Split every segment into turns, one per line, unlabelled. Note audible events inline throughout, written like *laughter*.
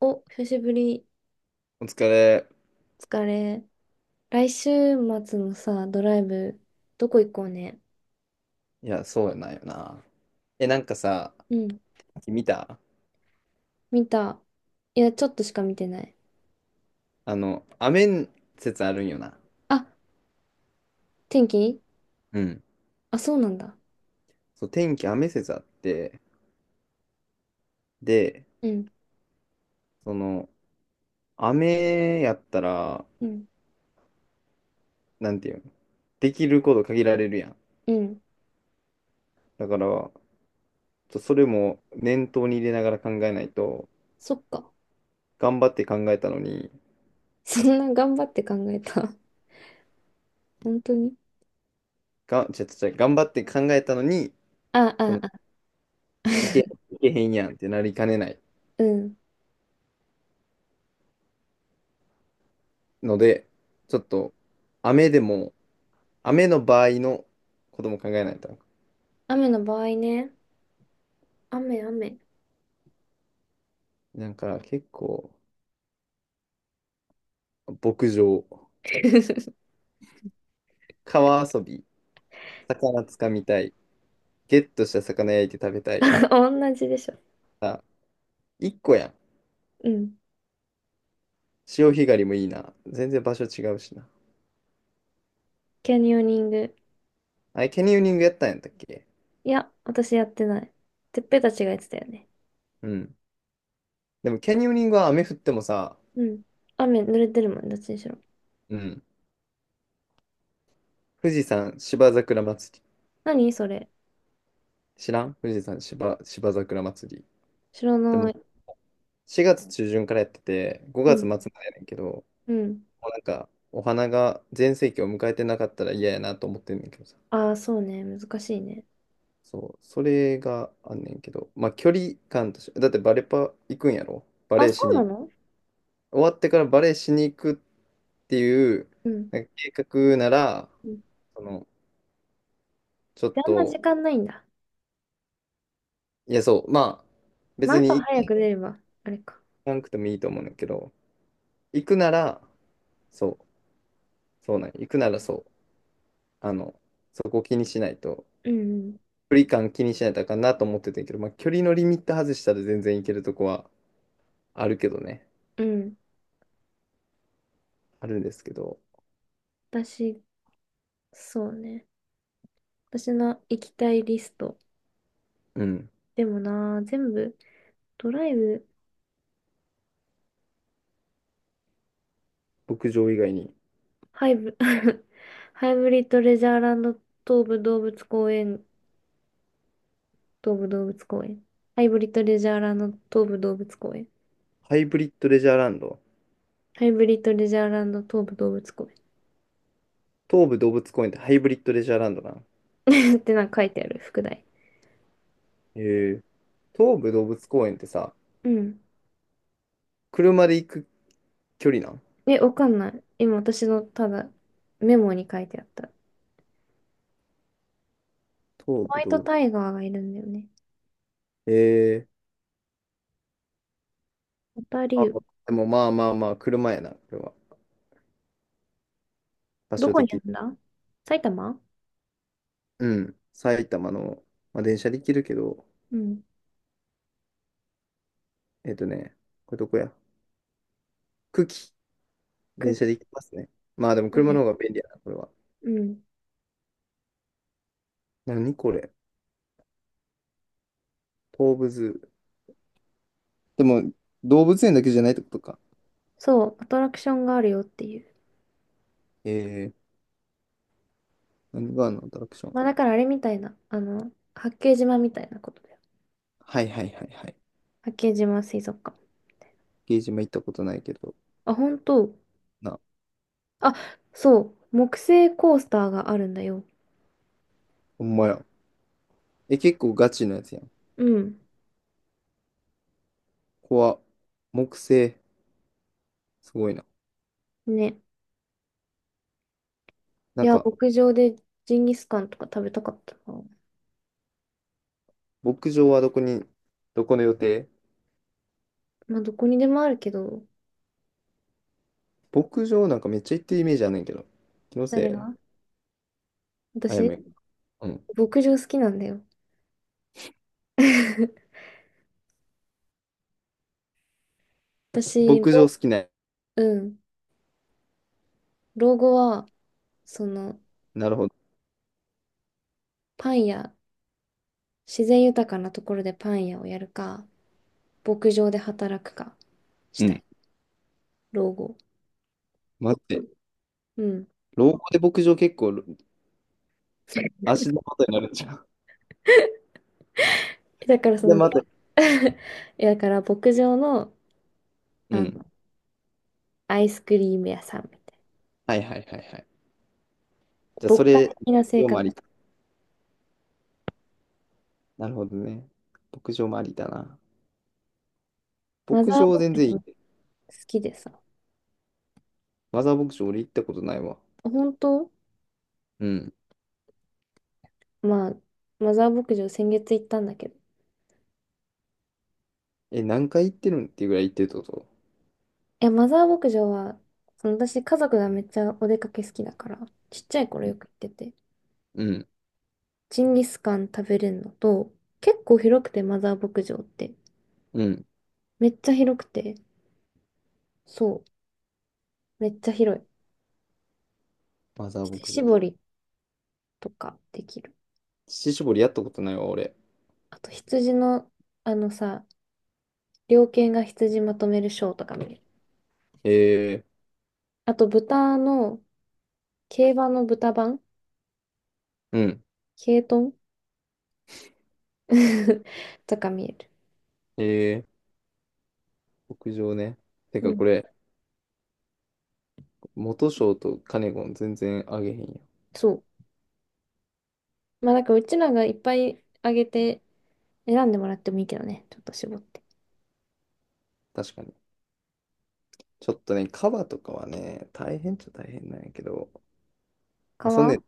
お、久しぶり。
お疲れ。
疲れ。来週末のさ、ドライブ、どこ行こうね。
いや、そうやないよな。え、なんかさ、
うん、
見た？
見た。いや、ちょっとしか見てない。
雨説あるんよな。
あ、天気。
うん。
あ、そうなんだ。
そう、天気雨説あって、で、
うん、
その、雨やったら、
うん、
なんていうの、できること限られるやん。
うん。
だから、ちょっとそれも念頭に入れながら考えないと、
そっか。
頑張って考えたのに、
*laughs* そんな頑張って考えた？本当に。
が、ちゃちょ、ちょ頑張って考えたのに、
あ、
そ
あ、
の、
あ、*laughs*
いけへんやんってなりかねない
うん。
ので、ちょっと、雨でも、雨の場合のことも考えないと。
雨の場合ね。雨、雨。
なんか結構、牧場、
*laughs*
川遊び、魚つかみたい、ゲットした魚焼いて食べたい。
同じでしょ。
あ、一個やん。
うん。
潮干狩りもいいな。全然場所違うしな。
キャニオニング。
あれ、キャニオニングやったんやったっけ？
いや、私やってない。てっぺたちがやってたよね。
うん。でもキャニオニングは雨降ってもさ、
うん。雨濡れてるもん、どっちにしろ。
うん。富士山芝桜祭り。
何それ？
知らん富士山芝桜祭り。
知ら
で
な
も
い。
4月中旬からやってて、
う
5月
ん。
末までやねんけど、も
うん。
うなんか、お花が全盛期を迎えてなかったら嫌やなと思ってんねんけどさ。
ああ、そうね。難しいね。
そう、それがあんねんけど、まあ距離感として、だってバレパ行くんやろバ
あ、
レー
そ
し
うな
に、
の？
終わってからバレーしに行くっていう、
うん。
なんか計画なら、
うん
その、ちょっ
で、ああんま
と、
時間ないんだ。
いやそう、まあ、
まあ、
別
朝
に
早
行
く出れば、あれか。
かなくてもいいと思うんだけど、行くなら、そう、そうなんよ行くならそう、あの、そこを気にしないと、
うん
距離感気にしないとあかんなと思ってたんやけど、まあ、距離のリミット外したら全然いけるとこはあるけどね。
うん。うん。
あるんですけど、
私、そうね。私の行きたいリスト。
うん。
でもな、全部、ドライブ、
牧場以外に。
ハイブ、*laughs* ハイブリッドレジャーランド東武動物公園、東武動物公園。ハイブリッドレジャーランド東武動物公園。
ハイブリッドレジャーランド。
ハイブリッドレジャーランド東武動物公園
東武動物公園ってハイブリッドレジャーランドなん？
*laughs* ってなんか書いてある、副題。
へえ。東武動物公園ってさ、
うん。
車で行く距離なん？
え、わかんない。今私のただメモに書いてあった。
東
ホワ
武
イト
動
タイガーがいるんだよね。
へえ。
ホタリ
あ、
ウ。
でもまあまあまあ、車やな、これは。場
ど
所
こ
的
にあ
に。
るんだ？埼玉。
うん。埼玉の、まあ、電車で行けるけど、
うん。
えっとね、これどこや？久喜。電車で
く、
行きますね。まあでも車
ね。
の方が便利やな、これは。
うん。
何これ？東武ズー。でも、動物園だけじゃないってことか。
そう、アトラクションがあるよっていう。
えー、何があるの？アトラクション。
まあだからあれみたいな。あの、八景島みたいなことだよ。
はいはいはいはい。
八景島水族館。
ゲージも行ったことないけど。
あ、本当。
な、
あ、そう。木製コースターがあるんだよ。
ほんまや。え、結構ガチのやつやん。
うん。
ここは、木製。すごいな。
ね。
な
い
ん
や、
か、
牧場でジンギスカンとか食べたかったな。
牧場はどこに、どこの予定？
まあ、どこにでもあるけど、
牧場なんかめっちゃ行ってるイメージあんねんけど。気の
誰
せい？
が？
あやめ。
私、
うん。
牧場好きなんだよ。*laughs* 私、
牧場好
ろ。
きな。
うん。老後は、その、
なるほど。
パン屋、自然豊かなところでパン屋をやるか、牧場で働くかし
う
たい。
ん。
老後。
待って。
うん。
老後で牧場結構
*laughs*
足で元になるじゃん。
だからそ
で、
の、ど。
また、
*laughs* いやだから牧場の、
う
あの、
ん。
アイスクリーム屋さんみたい
はいはいはいはい。じゃあ、
な。
そ
牧歌
れ、
的な
牧
生
場も
活。
あり、なるほどね。牧場もありだな。
マ
牧
ザー
場
牧
全然い
場好
い。
きでさ。
マザー牧場俺行ったことないわ。
本当？
うん。
まあ、マザー牧場先月行ったんだけど、
え、何回行ってるんっていうぐらい行ってるってこと？
いや、マザー牧場は、その私、家族がめっちゃお出かけ好きだから、ちっちゃい頃よく行ってて、
うん。
ジンギスカン食べれるのと、結構広くて、マザー牧場って。
うん。
めっちゃ広くて、そう、めっちゃ広い。
マザー牧
乳
場。
搾りとかできる。
乳搾りやったことないわ、俺。
あと、羊の、あのさ、猟犬が羊まとめるショーとか見れる。
えー、
あと、豚の、競馬の豚版
うん。
ケイトン *laughs* とか見える。
え牧場ね。て
う
か、
ん、
これ、元賞とカネゴン全然あげへんよ。
そう。まあ、なんか、うちらがいっぱいあげて、選んでもらってもいいけどね、ちょっと絞って。
確かに。ちょっとね、カバとかはね、大変っちゃ大変なんやけど、まあ、そんね
川、
ん、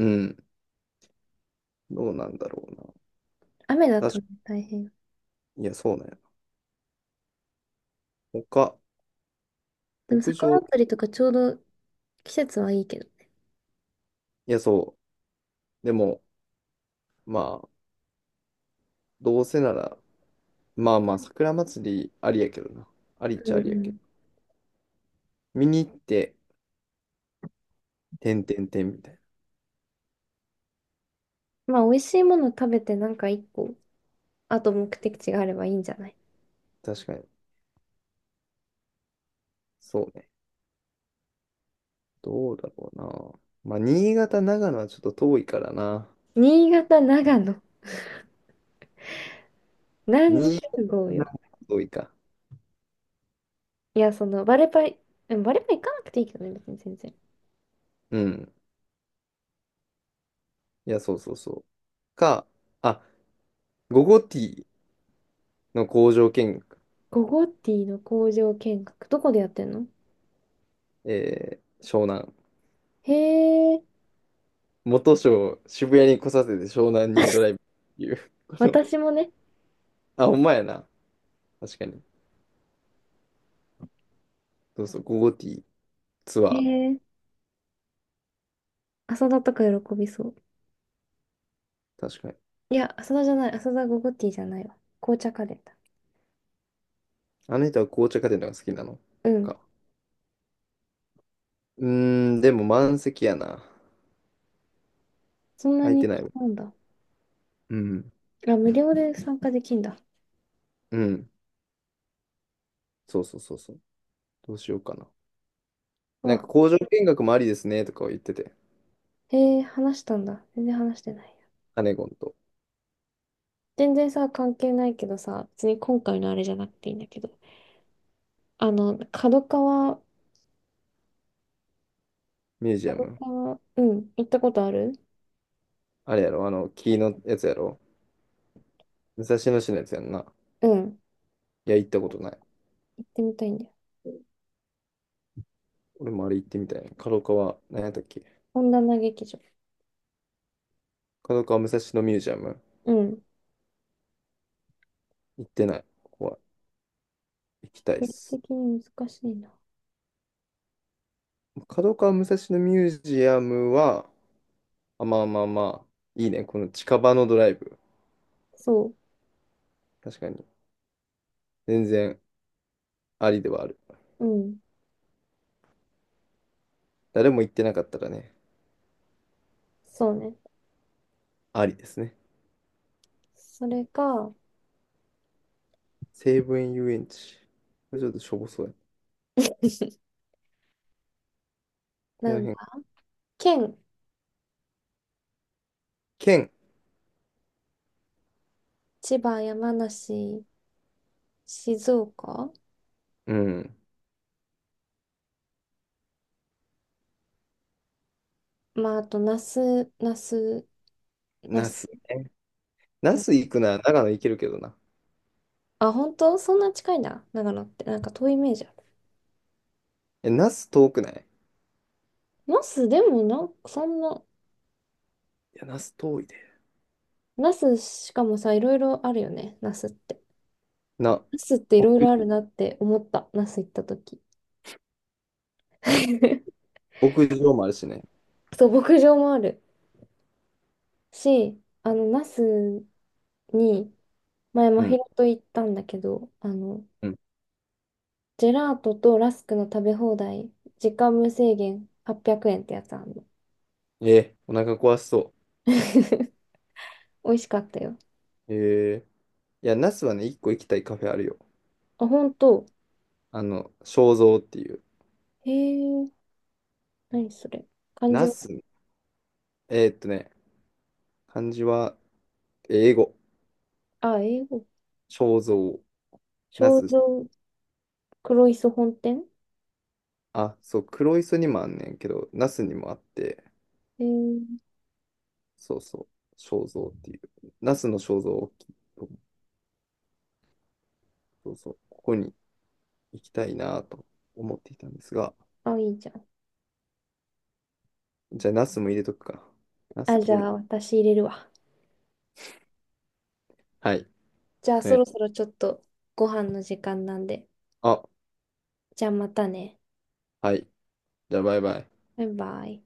うん。どうなんだろう
雨だ
な。
とね大変。
いや、そうなんやな。他、
でも
牧場、
魚釣りとかちょうど季節はいいけど。
いや、そう。でも、まあ、どうせなら、まあまあ、桜祭りありやけどな。ありっ
う
ちゃあ
ん
り
う
やけど。
ん。
見に行って、てんてんてんみたい
まあ、美味しいもの食べてなんか一個、あと目的地があればいいんじゃない？
な。確かに。そうね。どうだろうな。まあ、新潟、長野はちょっと遠いからな。
新潟、長野。何時
新
集
潟、
合
長野は
よ。
遠いか。
いや、その、バレパイ、でもバレパイ行かなくていいけどね、別に全然。
うん。いや、そうそうそう。か、あ、ゴゴティーの工場見学、
ゴゴティの工場見学。どこでやってんの？
湘南。
へえ。
元章、渋谷に来させて湘南にドラ
*laughs*
イブっていう。*laughs*
私もね。
あ、ほんまやな。確かに。そうそう、ゴゴティーツ
へ
ア
え。浅田とか喜びそう。
ー。確かに。
いや、浅田じゃない。浅田ゴゴティじゃないわ。紅茶カレーだ。
あの人は紅茶家電のが好きなの
うん。
か？うーん、でも満席やな。
そんな
空い
に
てない
気
わ。
なんだ。
うん。
あ、無料で参加できんだ。
うん。そうそうそうそう。どうしようかな。
う
なんか
わ、
工場見学もありですねとかを言ってて。
へえ、話したんだ。全然話してないや。
カネゴンと
全然さ、関係ないけどさ、別に今回のあれじゃなくていいんだけど。あの、角川、
ミュージア
角
ム。
川、うん、行ったことある？
あれやろ、木のやつやろ。武蔵野市のやつやんな。
うん、
いや、行ったことない。
行ってみたいんだよ。
俺もあれ行ってみたいな。角川、何やったっけ？
本棚劇場。
角川武蔵野ミュージアム。
うん。
行ってない。ここは行きたいっ
距離
す。
的に難しいな。
角川武蔵野ミュージアムは、あ、まあまあまあ、いいね。この近場のドライブ。
そ
確かに。全然ありではある。
う。うん。
誰も行ってなかったらね、
そうね。
ありですね。
それが、
西武園遊園地。これちょっとしょぼそうや。
*laughs*
こ
な
の
んだ。
辺。
県、
県。
千葉、山梨、静岡。
うん。
まあ、あと、那須、那須、那
那
須、
須ね。那
な。
須行くなら長野行けるけどな。
あ、本当そんな近いんだ。長野って。なんか遠いイメージある。
え、那須遠くない？
那須、でもな、そんな、
いや、那須遠いで。
那須しかもさ、いろいろあるよね。那須って。
な、
那須ってい
牧
ろいろあるなって思った。那須行った時。*laughs*
牧場もあるしね。
そう、牧場もあるし、あの、那須に、前、
う
真
ん。
宙と行ったんだけど、あの、
うん。
ジェラートとラスクの食べ放題、時間無制限800円ってやつあんの。
お腹壊しそ
*laughs* 美味しかったよ。
う。いや、ナスはね、一個行きたいカフェあるよ。
あ、本当。
肖像っていう。
へえ、何それ。漢字
ナ
は、
スね、えーっとね、漢字は英語。
あ、英語。
肖像。ナ
商
ス、
業黒磯本店。
あ、そう、黒磯にもあんねんけど、ナスにもあって、
へえ、
そうそう、肖像っていう。ナスの肖像大きいと思う。そうそう、ここに行きたいなと思っていたんですが、
あ、いいじゃん。
じゃあナスも入れとくか。ナス
あ、じ
遠
ゃ
い。
あ私入れるわ。
はい。
じゃあそ
ね、
ろそろちょっとご飯の時間なんで。
あ、
じゃあまたね。
はい。じゃあバイバイ。
バイバイ。